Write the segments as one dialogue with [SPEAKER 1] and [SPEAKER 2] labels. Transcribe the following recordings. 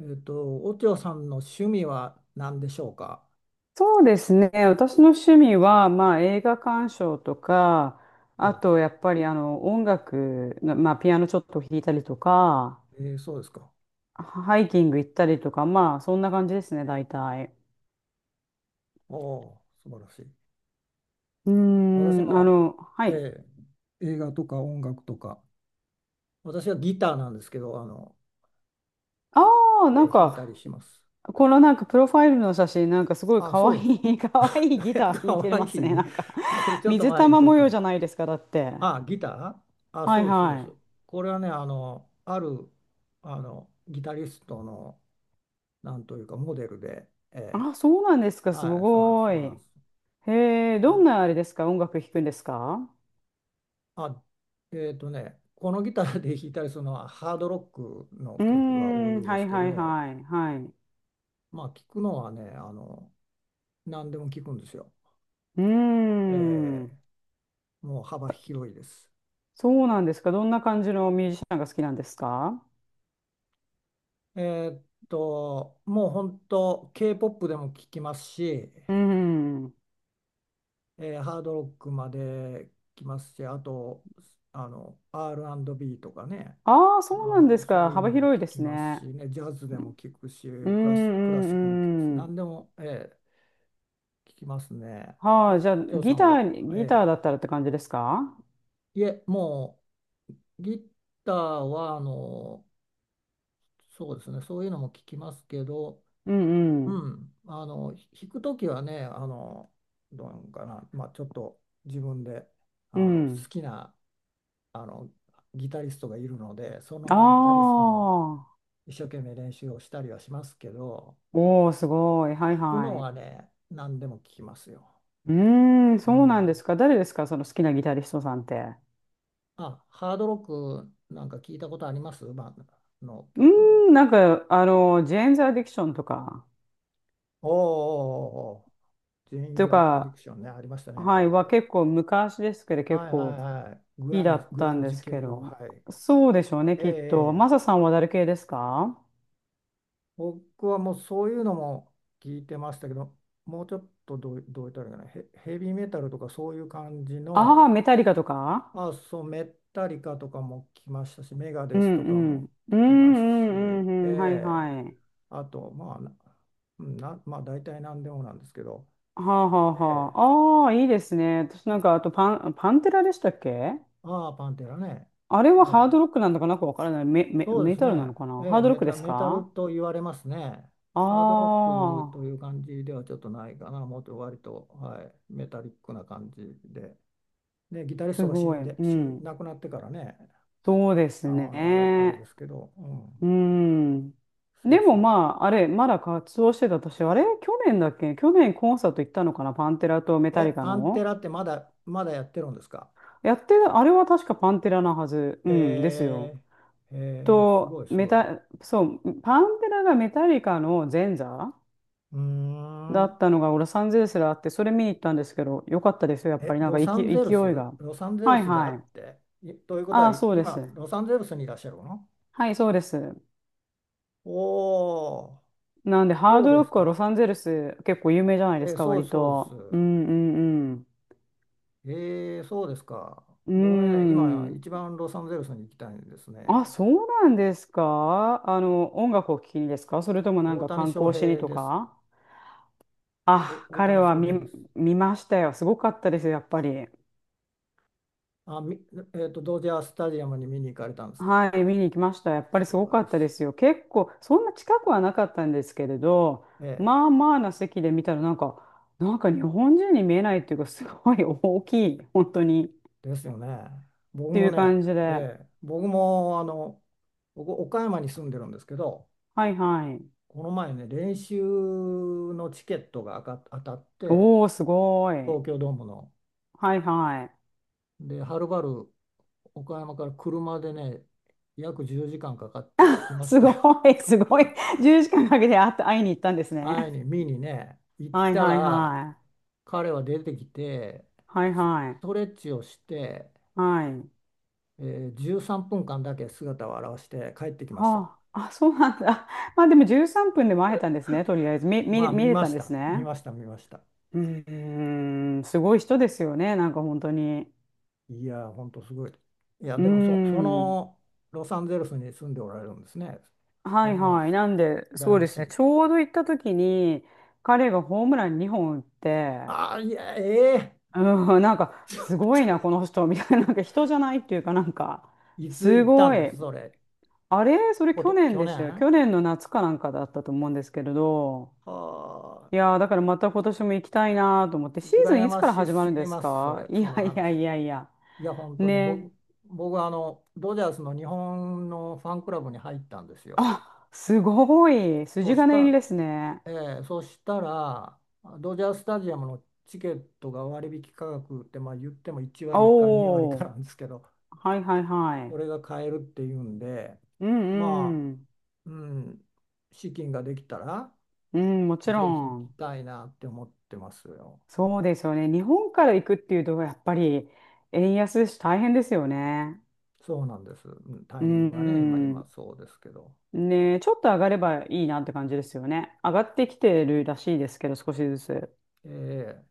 [SPEAKER 1] おちょさんの趣味は何でしょうか？
[SPEAKER 2] そうですね。私の趣味は、映画鑑賞とか、あ
[SPEAKER 1] お、
[SPEAKER 2] と、やっぱり、音楽の、ピアノちょっと弾いたりとか、
[SPEAKER 1] そうですか。
[SPEAKER 2] ハイキング行ったりとか、まあ、そんな感じですね、大体。
[SPEAKER 1] おお、素晴らしい。私も、
[SPEAKER 2] は
[SPEAKER 1] え
[SPEAKER 2] い。
[SPEAKER 1] ー映画とか音楽とか、私はギターなんですけど、
[SPEAKER 2] ああ、なん
[SPEAKER 1] 弾い
[SPEAKER 2] か、
[SPEAKER 1] たりします。
[SPEAKER 2] このなんか、プロファイルの写真、なんか、すごい
[SPEAKER 1] あ、
[SPEAKER 2] 可
[SPEAKER 1] そうです。
[SPEAKER 2] 愛い、可愛いギター 弾
[SPEAKER 1] か
[SPEAKER 2] いて
[SPEAKER 1] わい
[SPEAKER 2] ますね。
[SPEAKER 1] い。これちょっと
[SPEAKER 2] 水
[SPEAKER 1] 前に
[SPEAKER 2] 玉
[SPEAKER 1] 撮っ
[SPEAKER 2] 模
[SPEAKER 1] た
[SPEAKER 2] 様
[SPEAKER 1] んで
[SPEAKER 2] じ
[SPEAKER 1] す。
[SPEAKER 2] ゃないですか、だって。
[SPEAKER 1] あ、ギター、あ、
[SPEAKER 2] は
[SPEAKER 1] そ
[SPEAKER 2] い
[SPEAKER 1] うです、そうで
[SPEAKER 2] は
[SPEAKER 1] す。
[SPEAKER 2] い。
[SPEAKER 1] これはね、ある、ギタリストの、なんというか、モデルで、
[SPEAKER 2] あ、そうなんですか、す
[SPEAKER 1] はい、そうなんです、
[SPEAKER 2] ご
[SPEAKER 1] そ
[SPEAKER 2] い。
[SPEAKER 1] うなんです。
[SPEAKER 2] へえ、どんなあれですか？音楽弾くんですか？
[SPEAKER 1] あ、このギターで弾いたりするのはハードロックの
[SPEAKER 2] うー
[SPEAKER 1] 曲が多い
[SPEAKER 2] ん、
[SPEAKER 1] で
[SPEAKER 2] は
[SPEAKER 1] す
[SPEAKER 2] い
[SPEAKER 1] け
[SPEAKER 2] はい
[SPEAKER 1] ど、
[SPEAKER 2] はい、はい。
[SPEAKER 1] まあ聞くのはね、何でも聞くんですよ。
[SPEAKER 2] うー
[SPEAKER 1] えー
[SPEAKER 2] ん、
[SPEAKER 1] もう幅広いです。
[SPEAKER 2] そうなんですか？どんな感じのミュージシャンが好きなんですか？
[SPEAKER 1] えっもう本当 K-POP でも聞きますし、
[SPEAKER 2] うーん。
[SPEAKER 1] ハードロックまで聞きますし、あと、R&B とかね、
[SPEAKER 2] ああ、そうなんです
[SPEAKER 1] そ
[SPEAKER 2] か、
[SPEAKER 1] ういう
[SPEAKER 2] 幅
[SPEAKER 1] のも聞
[SPEAKER 2] 広いで
[SPEAKER 1] き
[SPEAKER 2] す
[SPEAKER 1] ますし
[SPEAKER 2] ね。
[SPEAKER 1] ね、ジャズでも聞くし、
[SPEAKER 2] うーん、う
[SPEAKER 1] クラシックも聞くし、
[SPEAKER 2] ん、うん。
[SPEAKER 1] 何でも、ー聞きますね。
[SPEAKER 2] はあ、じゃあ、
[SPEAKER 1] お嬢さんは、
[SPEAKER 2] ギ
[SPEAKER 1] え
[SPEAKER 2] ターだったらって感じですか？
[SPEAKER 1] え、いえ、もうギターはそうですね、そういうのも聞きますけど、
[SPEAKER 2] うんう
[SPEAKER 1] う
[SPEAKER 2] ん。
[SPEAKER 1] ん、弾くときはね、どうなのかな、まあ、ちょっと自分で
[SPEAKER 2] う
[SPEAKER 1] 好
[SPEAKER 2] ん。
[SPEAKER 1] きなあのギタリストがいるので、そ
[SPEAKER 2] あ
[SPEAKER 1] のギタリストの
[SPEAKER 2] あ。
[SPEAKER 1] 一生懸命練習をしたりはしますけど、
[SPEAKER 2] おお、すごい。はい
[SPEAKER 1] 聞くの
[SPEAKER 2] は
[SPEAKER 1] はね、何でも聞きますよ。
[SPEAKER 2] い。うーん、
[SPEAKER 1] う
[SPEAKER 2] そうなん
[SPEAKER 1] ん、
[SPEAKER 2] ですか。誰ですか、その好きなギタリストさんって。
[SPEAKER 1] あ、ハードロックなんか聞いたことありますバンドの
[SPEAKER 2] う
[SPEAKER 1] 曲なん
[SPEAKER 2] ーん、
[SPEAKER 1] か。
[SPEAKER 2] ジェーンズ・アディクションとか、
[SPEAKER 1] おーおーおーおー、ジェイン・
[SPEAKER 2] と
[SPEAKER 1] ザ・アディ
[SPEAKER 2] か、
[SPEAKER 1] クションね、ありましたね。
[SPEAKER 2] はい、は結構昔ですけど、結
[SPEAKER 1] はいは
[SPEAKER 2] 構
[SPEAKER 1] い
[SPEAKER 2] 好
[SPEAKER 1] はい。
[SPEAKER 2] きだっ
[SPEAKER 1] グ
[SPEAKER 2] た
[SPEAKER 1] ラ
[SPEAKER 2] ん
[SPEAKER 1] ン
[SPEAKER 2] で
[SPEAKER 1] ジ
[SPEAKER 2] す
[SPEAKER 1] 系
[SPEAKER 2] け
[SPEAKER 1] の、は
[SPEAKER 2] ど、
[SPEAKER 1] い。
[SPEAKER 2] そうでしょうね、
[SPEAKER 1] えー
[SPEAKER 2] きっと。
[SPEAKER 1] え
[SPEAKER 2] マ
[SPEAKER 1] ー
[SPEAKER 2] サさんは誰系ですか？
[SPEAKER 1] 僕はもうそういうのも聞いてましたけど、もうちょっとどう言ったらいいかな、ヘビーメタルとかそういう感じ
[SPEAKER 2] ああ
[SPEAKER 1] の、
[SPEAKER 2] ー、メタリカとか？
[SPEAKER 1] まあ、そう、メッタリカとかも聞きましたし、メガ
[SPEAKER 2] う
[SPEAKER 1] デス
[SPEAKER 2] ん
[SPEAKER 1] とか
[SPEAKER 2] う
[SPEAKER 1] も
[SPEAKER 2] ん。うんう
[SPEAKER 1] 聞きますし、
[SPEAKER 2] ん
[SPEAKER 1] え
[SPEAKER 2] うんうん、はい
[SPEAKER 1] え、
[SPEAKER 2] はい。
[SPEAKER 1] あと、まあ、な、うんなまあ、大体何でもなんですけど、
[SPEAKER 2] はあはあ
[SPEAKER 1] ええ、
[SPEAKER 2] はあ。ああ、いいですね。私なんか、あとパンテラでしたっけ？
[SPEAKER 1] ああ、パンテラね、
[SPEAKER 2] あれ
[SPEAKER 1] え
[SPEAKER 2] はハ
[SPEAKER 1] え、
[SPEAKER 2] ードロックなんだかなんかわからない。
[SPEAKER 1] そうで
[SPEAKER 2] メ
[SPEAKER 1] す
[SPEAKER 2] タルな
[SPEAKER 1] ね、
[SPEAKER 2] のかな？
[SPEAKER 1] え
[SPEAKER 2] ハ
[SPEAKER 1] え、
[SPEAKER 2] ードロックです
[SPEAKER 1] メタル
[SPEAKER 2] か？
[SPEAKER 1] と言われますね。ハードロックとい
[SPEAKER 2] ああ
[SPEAKER 1] う感じではちょっとないかな、もっと割と、はい、メタリックな感じで、で、ギタリス
[SPEAKER 2] ー、
[SPEAKER 1] ト
[SPEAKER 2] す
[SPEAKER 1] が死
[SPEAKER 2] ごい。
[SPEAKER 1] んで、
[SPEAKER 2] うん。
[SPEAKER 1] 亡くなってからね、
[SPEAKER 2] そうです
[SPEAKER 1] あれ、あれで
[SPEAKER 2] ね。
[SPEAKER 1] すけど、うん、
[SPEAKER 2] うん。
[SPEAKER 1] そ
[SPEAKER 2] で
[SPEAKER 1] う
[SPEAKER 2] も
[SPEAKER 1] そ
[SPEAKER 2] ま
[SPEAKER 1] う。
[SPEAKER 2] あ、あれ、まだ活動してた、私、あれ、去年だっけ？去年コンサート行ったのかな、パンテラとメタリ
[SPEAKER 1] え、
[SPEAKER 2] カ
[SPEAKER 1] パンテ
[SPEAKER 2] の。
[SPEAKER 1] ラってまだやってるんですか？
[SPEAKER 2] やってた、あれは確かパンテラなはず。うん、です
[SPEAKER 1] へ
[SPEAKER 2] よ。
[SPEAKER 1] え、へえ、す
[SPEAKER 2] と、
[SPEAKER 1] ごいすごい。
[SPEAKER 2] そう、パンテラがメタリカの前座
[SPEAKER 1] うー
[SPEAKER 2] だ
[SPEAKER 1] ん。
[SPEAKER 2] ったのが、ロサンゼルスであって、それ見に行ったんですけど、よかったですよ、やっぱ
[SPEAKER 1] え、
[SPEAKER 2] り、勢いが。
[SPEAKER 1] ロサンゼル
[SPEAKER 2] はい
[SPEAKER 1] スであ
[SPEAKER 2] は
[SPEAKER 1] っ
[SPEAKER 2] い。
[SPEAKER 1] て、ということ
[SPEAKER 2] あ
[SPEAKER 1] は、
[SPEAKER 2] あ、そうで
[SPEAKER 1] 今、
[SPEAKER 2] す。
[SPEAKER 1] ロサンゼルスにいらっしゃるの？
[SPEAKER 2] はい、そうです。
[SPEAKER 1] おおー、
[SPEAKER 2] なんで、ハー
[SPEAKER 1] そう
[SPEAKER 2] ドロ
[SPEAKER 1] で
[SPEAKER 2] ッ
[SPEAKER 1] す
[SPEAKER 2] クはロ
[SPEAKER 1] か。
[SPEAKER 2] サンゼルス結構有名じゃないです
[SPEAKER 1] え、
[SPEAKER 2] か、
[SPEAKER 1] そう
[SPEAKER 2] 割
[SPEAKER 1] です、そうです。
[SPEAKER 2] と。うんうん
[SPEAKER 1] そうですか。
[SPEAKER 2] う
[SPEAKER 1] 僕ね、
[SPEAKER 2] ん。
[SPEAKER 1] 今、
[SPEAKER 2] うん。
[SPEAKER 1] 一番ロサンゼルスに行きたいんです
[SPEAKER 2] あ、
[SPEAKER 1] ね。
[SPEAKER 2] そうなんですか？あの、音楽を聴きにですか？それともなん
[SPEAKER 1] 大
[SPEAKER 2] か
[SPEAKER 1] 谷
[SPEAKER 2] 観
[SPEAKER 1] 翔
[SPEAKER 2] 光しに
[SPEAKER 1] 平
[SPEAKER 2] と
[SPEAKER 1] です。
[SPEAKER 2] か？あ、
[SPEAKER 1] お、大
[SPEAKER 2] 彼
[SPEAKER 1] 谷
[SPEAKER 2] は
[SPEAKER 1] 翔
[SPEAKER 2] 見、
[SPEAKER 1] 平です。
[SPEAKER 2] 見ましたよ。すごかったですよ、やっぱり。
[SPEAKER 1] あ、ドジャースタジアムに見に行かれたんですか？
[SPEAKER 2] はい、見に行きました。やっぱり
[SPEAKER 1] 素
[SPEAKER 2] すご
[SPEAKER 1] 晴
[SPEAKER 2] か
[SPEAKER 1] ら
[SPEAKER 2] っ
[SPEAKER 1] しい。
[SPEAKER 2] たですよ。結構、そんな近くはなかったんですけれど、
[SPEAKER 1] え
[SPEAKER 2] まあまあな席で見たらなんか、なんか日本人に見えないっていうか、すごい大きい、本当に。っ
[SPEAKER 1] え、ですよね。僕
[SPEAKER 2] てい
[SPEAKER 1] も
[SPEAKER 2] う
[SPEAKER 1] ね、
[SPEAKER 2] 感じで。
[SPEAKER 1] ええ、僕もあの、僕、岡山に住んでるんですけど、
[SPEAKER 2] はいはい。
[SPEAKER 1] この前ね、練習のチケットが当たって、
[SPEAKER 2] おー、すごい。
[SPEAKER 1] 東京ドームの。
[SPEAKER 2] はいはい。
[SPEAKER 1] で、はるばる岡山から車でね、約10時間かかって行き まし
[SPEAKER 2] すご
[SPEAKER 1] たよ。
[SPEAKER 2] い、すごい。10時間かんかけて会いに行ったんです
[SPEAKER 1] 会い
[SPEAKER 2] ね。
[SPEAKER 1] に、見にね、行っ
[SPEAKER 2] はい
[SPEAKER 1] た
[SPEAKER 2] はい
[SPEAKER 1] ら、
[SPEAKER 2] は
[SPEAKER 1] 彼は出てきて、
[SPEAKER 2] い。はい
[SPEAKER 1] ス
[SPEAKER 2] はい。
[SPEAKER 1] トレッチをして、
[SPEAKER 2] はい。
[SPEAKER 1] 13分間だけ姿を現して帰ってきました。
[SPEAKER 2] はあ、あ、そうなんだ。まあでも13分でも会えたんですね、とりあえず。
[SPEAKER 1] まあ
[SPEAKER 2] 見
[SPEAKER 1] 見
[SPEAKER 2] れ
[SPEAKER 1] ま
[SPEAKER 2] たん
[SPEAKER 1] し
[SPEAKER 2] で
[SPEAKER 1] た、
[SPEAKER 2] す
[SPEAKER 1] 見
[SPEAKER 2] ね。
[SPEAKER 1] ました、見ました。
[SPEAKER 2] うーん、すごい人ですよね、なんか本当に。
[SPEAKER 1] いやー、ほんとすごい。いや、
[SPEAKER 2] うー
[SPEAKER 1] でもそ
[SPEAKER 2] ん。
[SPEAKER 1] のロサンゼルスに住んでおられるんですね。
[SPEAKER 2] は
[SPEAKER 1] それ
[SPEAKER 2] い
[SPEAKER 1] も
[SPEAKER 2] はい。なんで、
[SPEAKER 1] 羨
[SPEAKER 2] そう
[SPEAKER 1] ま
[SPEAKER 2] で
[SPEAKER 1] し
[SPEAKER 2] すね。
[SPEAKER 1] い。
[SPEAKER 2] ちょうど行った時に、彼がホームラン2本打って、
[SPEAKER 1] ああ、いや、ええ。
[SPEAKER 2] うん、なんか、すごいな、この人、みたいな、なんか人じゃないっていうかなんか、
[SPEAKER 1] いつ
[SPEAKER 2] す
[SPEAKER 1] 行ったん
[SPEAKER 2] ご
[SPEAKER 1] です、
[SPEAKER 2] い。
[SPEAKER 1] それ。
[SPEAKER 2] あれ、それ
[SPEAKER 1] こ
[SPEAKER 2] 去
[SPEAKER 1] と、
[SPEAKER 2] 年
[SPEAKER 1] 去
[SPEAKER 2] で
[SPEAKER 1] 年
[SPEAKER 2] したよ。
[SPEAKER 1] は
[SPEAKER 2] 去年の夏かなんかだったと思うんですけれど。
[SPEAKER 1] あ、
[SPEAKER 2] いやー、だからまた今年も行きたいなと思って、シーズン
[SPEAKER 1] 羨
[SPEAKER 2] いつ
[SPEAKER 1] ま
[SPEAKER 2] から
[SPEAKER 1] し
[SPEAKER 2] 始ま
[SPEAKER 1] す
[SPEAKER 2] るんで
[SPEAKER 1] ぎ
[SPEAKER 2] す
[SPEAKER 1] ます、そ
[SPEAKER 2] か？
[SPEAKER 1] れ、
[SPEAKER 2] い
[SPEAKER 1] そ
[SPEAKER 2] や
[SPEAKER 1] の
[SPEAKER 2] い
[SPEAKER 1] 話。
[SPEAKER 2] やいやいや。
[SPEAKER 1] いや、本当に
[SPEAKER 2] ね。
[SPEAKER 1] 僕はドジャースの日本のファンクラブに入ったんですよ。
[SPEAKER 2] あ、すごい。
[SPEAKER 1] そう
[SPEAKER 2] 筋
[SPEAKER 1] し
[SPEAKER 2] 金入り
[SPEAKER 1] た
[SPEAKER 2] ですね。
[SPEAKER 1] えーそしたら、ドジャースタジアムのチケットが割引価格って、まあ、言っても1割か2割
[SPEAKER 2] お
[SPEAKER 1] か
[SPEAKER 2] ー。
[SPEAKER 1] なんですけど、
[SPEAKER 2] はいはいは
[SPEAKER 1] そ
[SPEAKER 2] い。
[SPEAKER 1] れが買えるっていうんで、
[SPEAKER 2] うん
[SPEAKER 1] まあ、
[SPEAKER 2] うん。
[SPEAKER 1] うん、資金ができたら、
[SPEAKER 2] うん、もちろ
[SPEAKER 1] ぜひ行き
[SPEAKER 2] ん。
[SPEAKER 1] たいなって思ってますよ。
[SPEAKER 2] そうですよね。日本から行くっていうと、やっぱり円安ですし、大変ですよね。
[SPEAKER 1] そうなんです。うん、タ
[SPEAKER 2] う
[SPEAKER 1] イミングがね、今
[SPEAKER 2] ん、
[SPEAKER 1] そうですけど、
[SPEAKER 2] ねえ、ちょっと上がればいいなって感じですよね。上がってきてるらしいですけど、少しずつ。
[SPEAKER 1] えー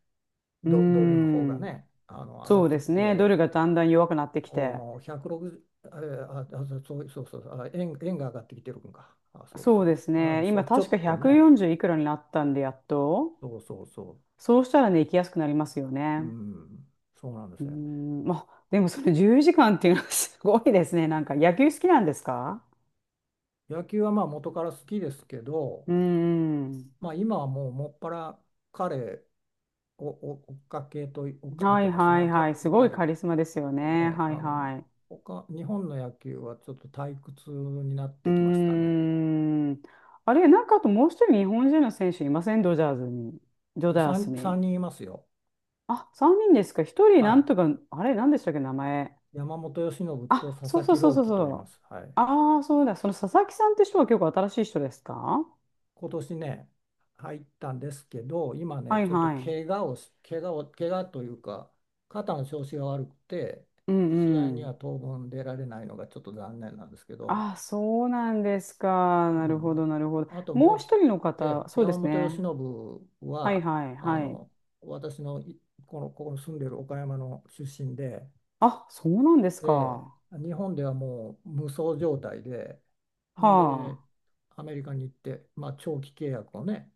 [SPEAKER 2] う
[SPEAKER 1] ドルの方が
[SPEAKER 2] ん。
[SPEAKER 1] ね、上が
[SPEAKER 2] そ
[SPEAKER 1] っ
[SPEAKER 2] う
[SPEAKER 1] て
[SPEAKER 2] で
[SPEAKER 1] き
[SPEAKER 2] すね。ド
[SPEAKER 1] て、
[SPEAKER 2] ルがだんだん弱くなってき
[SPEAKER 1] お
[SPEAKER 2] て。
[SPEAKER 1] もう160、そうそうそうそう、あ、円が上がってきてるんか。あ、そう
[SPEAKER 2] そ
[SPEAKER 1] そ
[SPEAKER 2] うで
[SPEAKER 1] う
[SPEAKER 2] す
[SPEAKER 1] そう、あ、
[SPEAKER 2] ね。
[SPEAKER 1] そ
[SPEAKER 2] 今、
[SPEAKER 1] う、ちょ
[SPEAKER 2] 確か
[SPEAKER 1] っとね、
[SPEAKER 2] 140いくらになったんで、やっと。
[SPEAKER 1] そうそうそ
[SPEAKER 2] そうしたらね、行きやすくなりますよ
[SPEAKER 1] う、う
[SPEAKER 2] ね。
[SPEAKER 1] ん、そうなんで
[SPEAKER 2] うー
[SPEAKER 1] すね。
[SPEAKER 2] ん。まあ、でもそれ10時間っていうのは すごいですね。なんか、野球好きなんですか？
[SPEAKER 1] 野球はまあ元から好きですけど、
[SPEAKER 2] うーん。
[SPEAKER 1] まあ今はもうもっぱら彼をお追っかけと、追っかけ
[SPEAKER 2] は
[SPEAKER 1] て
[SPEAKER 2] い
[SPEAKER 1] ますね。
[SPEAKER 2] はい
[SPEAKER 1] 彼
[SPEAKER 2] はい。す
[SPEAKER 1] ぐ
[SPEAKER 2] ごい
[SPEAKER 1] らい、
[SPEAKER 2] カリスマですよ
[SPEAKER 1] もう
[SPEAKER 2] ね。
[SPEAKER 1] ね、
[SPEAKER 2] はいはい。
[SPEAKER 1] 他、日本の野球はちょっと退屈になっ
[SPEAKER 2] うー
[SPEAKER 1] てきましたね。
[SPEAKER 2] ん。あれ、なんかあともう一人日本人の選手いません？ドジャース
[SPEAKER 1] 3、
[SPEAKER 2] に。
[SPEAKER 1] 三人いますよ。
[SPEAKER 2] あ、3人ですか。一人
[SPEAKER 1] は
[SPEAKER 2] なん
[SPEAKER 1] い。
[SPEAKER 2] とか、あれ、なんでしたっけ、名前。
[SPEAKER 1] 山本由伸と
[SPEAKER 2] あ、
[SPEAKER 1] 佐
[SPEAKER 2] そう
[SPEAKER 1] 々
[SPEAKER 2] そ
[SPEAKER 1] 木
[SPEAKER 2] うそう
[SPEAKER 1] 朗
[SPEAKER 2] そう
[SPEAKER 1] 希と言いま
[SPEAKER 2] そう。
[SPEAKER 1] す。はい。
[SPEAKER 2] ああ、そうだ。その佐々木さんって人は結構新しい人ですか？は
[SPEAKER 1] 今年ね、入ったんですけど、今ね、
[SPEAKER 2] い
[SPEAKER 1] ちょっと
[SPEAKER 2] はい。
[SPEAKER 1] 怪我をし、怪我を、怪我というか、肩の調子が悪くて、
[SPEAKER 2] う
[SPEAKER 1] 試
[SPEAKER 2] ん
[SPEAKER 1] 合
[SPEAKER 2] う
[SPEAKER 1] に
[SPEAKER 2] ん。
[SPEAKER 1] は当分出られないのがちょっと残念なんですけど、
[SPEAKER 2] ああ、そうなんですか。
[SPEAKER 1] う
[SPEAKER 2] なるほ
[SPEAKER 1] ん。
[SPEAKER 2] ど、なるほど。
[SPEAKER 1] あとも
[SPEAKER 2] もう
[SPEAKER 1] うひ、
[SPEAKER 2] 一人の方、
[SPEAKER 1] え、
[SPEAKER 2] そうで
[SPEAKER 1] 山
[SPEAKER 2] す
[SPEAKER 1] 本由
[SPEAKER 2] ね。
[SPEAKER 1] 伸
[SPEAKER 2] はい
[SPEAKER 1] は、
[SPEAKER 2] はい
[SPEAKER 1] あ
[SPEAKER 2] はい。
[SPEAKER 1] の、私のいこの、ここに住んでる岡山の出身で、
[SPEAKER 2] あ、そうなんです
[SPEAKER 1] え
[SPEAKER 2] か。
[SPEAKER 1] え、日本ではもう無双状態で、
[SPEAKER 2] は
[SPEAKER 1] んで、
[SPEAKER 2] あ。
[SPEAKER 1] アメリカに行って、まあ、長期契約をね、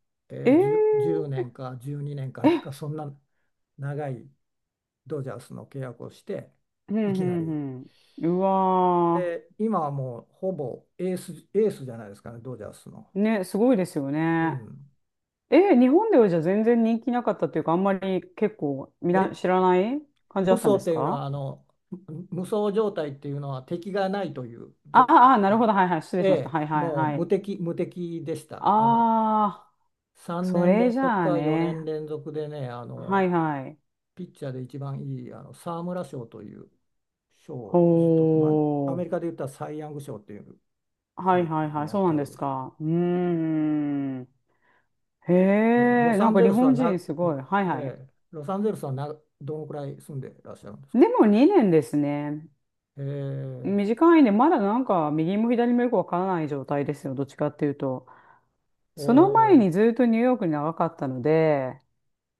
[SPEAKER 2] え
[SPEAKER 1] えー、10、
[SPEAKER 2] え
[SPEAKER 1] 年か12年か
[SPEAKER 2] え、
[SPEAKER 1] なんか、そんな長いドジャースの契約をして、
[SPEAKER 2] う
[SPEAKER 1] い
[SPEAKER 2] んう
[SPEAKER 1] きなり。
[SPEAKER 2] んうん。うわ
[SPEAKER 1] で、今はもうほぼエースじゃないですかね、ドジャースの。
[SPEAKER 2] ー。ね、すごいですよ
[SPEAKER 1] う
[SPEAKER 2] ね。
[SPEAKER 1] ん。
[SPEAKER 2] え、日本ではじゃあ全然人気なかったというか、あんまり結構みな
[SPEAKER 1] え、
[SPEAKER 2] 知らない感じ
[SPEAKER 1] 無
[SPEAKER 2] だったん
[SPEAKER 1] 双
[SPEAKER 2] で
[SPEAKER 1] っ
[SPEAKER 2] す
[SPEAKER 1] ていうの
[SPEAKER 2] か？
[SPEAKER 1] は、無双状態っていうのは敵がないという
[SPEAKER 2] ああ、あなるほど。はいはい。失礼
[SPEAKER 1] え
[SPEAKER 2] しました。
[SPEAKER 1] え、
[SPEAKER 2] はいはい
[SPEAKER 1] もう
[SPEAKER 2] はい。
[SPEAKER 1] 無敵でした。
[SPEAKER 2] ああ、
[SPEAKER 1] 3
[SPEAKER 2] そ
[SPEAKER 1] 年
[SPEAKER 2] れ
[SPEAKER 1] 連
[SPEAKER 2] じ
[SPEAKER 1] 続
[SPEAKER 2] ゃあ
[SPEAKER 1] か4年
[SPEAKER 2] ね。
[SPEAKER 1] 連続でね、
[SPEAKER 2] はいはい。
[SPEAKER 1] ピッチャーで一番いい沢村賞という賞
[SPEAKER 2] ほ
[SPEAKER 1] をずっと、まあ、アメリ
[SPEAKER 2] ー。
[SPEAKER 1] カで言ったらサイ・ヤング賞っていう
[SPEAKER 2] はい
[SPEAKER 1] の
[SPEAKER 2] はいは
[SPEAKER 1] に
[SPEAKER 2] い。
[SPEAKER 1] 当
[SPEAKER 2] そうなん
[SPEAKER 1] た
[SPEAKER 2] で
[SPEAKER 1] る
[SPEAKER 2] す
[SPEAKER 1] し、
[SPEAKER 2] か。うーん。へ
[SPEAKER 1] で、
[SPEAKER 2] え、なんか日本人すごい。はいはい。
[SPEAKER 1] ロサンゼルスはな、どのくらい住んでらっしゃるんですか？
[SPEAKER 2] でも2年ですね。
[SPEAKER 1] ええ
[SPEAKER 2] 短いね、まだなんか右も左もよくわからない状態ですよ、どっちかっていうと。
[SPEAKER 1] お
[SPEAKER 2] その前
[SPEAKER 1] ー
[SPEAKER 2] にずっとニューヨークに長かったので、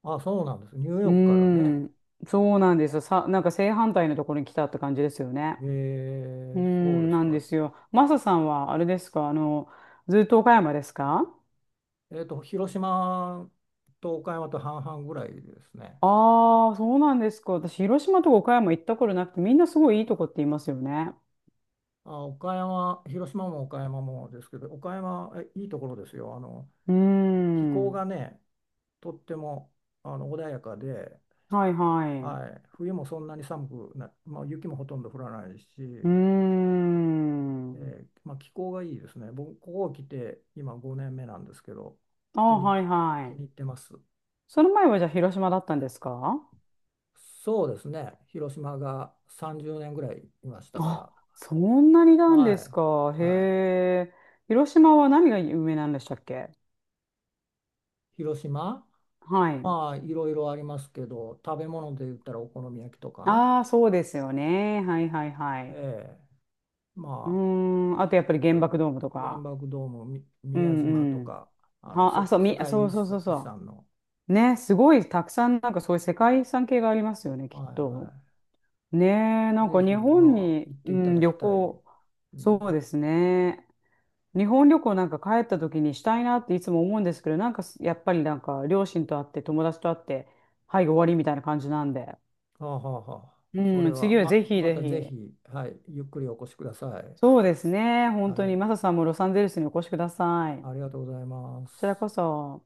[SPEAKER 1] あ、そうなんです。ニュー
[SPEAKER 2] うー
[SPEAKER 1] ヨークからね。
[SPEAKER 2] ん、そうなんですよ。さ、なんか正反対のところに来たって感じですよね。うー
[SPEAKER 1] そうで
[SPEAKER 2] ん、
[SPEAKER 1] す
[SPEAKER 2] なん
[SPEAKER 1] か。
[SPEAKER 2] ですよ。マサさんはあれですか、あの、ずっと岡山ですか？
[SPEAKER 1] 広島と岡山と半々ぐらいですね。
[SPEAKER 2] ああー、そうなんですか。私、広島とか岡山行ったことなくて、みんなすごいいいとこって言いますよね。
[SPEAKER 1] あ、岡山、広島も岡山もですけど、岡山、えいいところですよ。
[SPEAKER 2] うー
[SPEAKER 1] 気候
[SPEAKER 2] ん、
[SPEAKER 1] がね、とっても穏やかで、
[SPEAKER 2] はいはい。
[SPEAKER 1] はい、冬もそんなに寒くな、まあ、雪もほとんど降らないし、
[SPEAKER 2] うーん、
[SPEAKER 1] まあ、気候がいいですね。僕、ここ来て今5年目なんですけど、
[SPEAKER 2] あ
[SPEAKER 1] 気
[SPEAKER 2] あ、
[SPEAKER 1] に、
[SPEAKER 2] はいは
[SPEAKER 1] 気に
[SPEAKER 2] い。
[SPEAKER 1] 入ってます。
[SPEAKER 2] その前はじゃあ広島だったんですか？
[SPEAKER 1] そうですね、広島が30年ぐらいいましたか
[SPEAKER 2] あ、
[SPEAKER 1] ら、
[SPEAKER 2] そんなになんで
[SPEAKER 1] は
[SPEAKER 2] すか。
[SPEAKER 1] い、
[SPEAKER 2] へ
[SPEAKER 1] はい、
[SPEAKER 2] え。広島は何が有名なんでしたっけ？
[SPEAKER 1] 広島、
[SPEAKER 2] はい。
[SPEAKER 1] まあいろいろありますけど食べ物で言ったらお好み焼きとか、
[SPEAKER 2] ああ、そうですよね。はいはいは
[SPEAKER 1] え
[SPEAKER 2] い。
[SPEAKER 1] え、
[SPEAKER 2] う
[SPEAKER 1] まあ
[SPEAKER 2] ーん。あとやっぱり
[SPEAKER 1] い
[SPEAKER 2] 原
[SPEAKER 1] ろい
[SPEAKER 2] 爆
[SPEAKER 1] ろ
[SPEAKER 2] ドームと
[SPEAKER 1] 原
[SPEAKER 2] か。
[SPEAKER 1] 爆ドーム、
[SPEAKER 2] う
[SPEAKER 1] 宮島
[SPEAKER 2] ん
[SPEAKER 1] と
[SPEAKER 2] うん。
[SPEAKER 1] かあの
[SPEAKER 2] は、
[SPEAKER 1] せ
[SPEAKER 2] あ、そう、
[SPEAKER 1] 世
[SPEAKER 2] み、そ
[SPEAKER 1] 界
[SPEAKER 2] う
[SPEAKER 1] 遺
[SPEAKER 2] そうそ
[SPEAKER 1] 産
[SPEAKER 2] うそ
[SPEAKER 1] の、
[SPEAKER 2] う。ね、すごいたくさんなんかそういう世界遺産系がありますよね、きっ
[SPEAKER 1] はい
[SPEAKER 2] と。
[SPEAKER 1] は
[SPEAKER 2] ねえ、
[SPEAKER 1] い、
[SPEAKER 2] なん
[SPEAKER 1] ぜ
[SPEAKER 2] か
[SPEAKER 1] ひ
[SPEAKER 2] 日本
[SPEAKER 1] まあ
[SPEAKER 2] に、
[SPEAKER 1] 行って
[SPEAKER 2] う
[SPEAKER 1] いた
[SPEAKER 2] ん、
[SPEAKER 1] だき
[SPEAKER 2] 旅
[SPEAKER 1] たい、
[SPEAKER 2] 行、
[SPEAKER 1] う
[SPEAKER 2] そう
[SPEAKER 1] ん、
[SPEAKER 2] ですね。日本旅行なんか帰った時にしたいなっていつも思うんですけど、なんかすやっぱりなんか両親と会って友達と会って、はい、終わりみたいな感じなんで。
[SPEAKER 1] はあはあはあ、それ
[SPEAKER 2] うん、
[SPEAKER 1] は
[SPEAKER 2] 次は
[SPEAKER 1] ま、
[SPEAKER 2] ぜひ
[SPEAKER 1] ま
[SPEAKER 2] ぜ
[SPEAKER 1] たぜ
[SPEAKER 2] ひ。
[SPEAKER 1] ひ、はい、ゆっくりお越しください、
[SPEAKER 2] そうですね。本
[SPEAKER 1] は
[SPEAKER 2] 当に、
[SPEAKER 1] い、
[SPEAKER 2] マサさんもロサンゼルスにお越しください。
[SPEAKER 1] ありがとうございま
[SPEAKER 2] こちら
[SPEAKER 1] す。
[SPEAKER 2] こそ。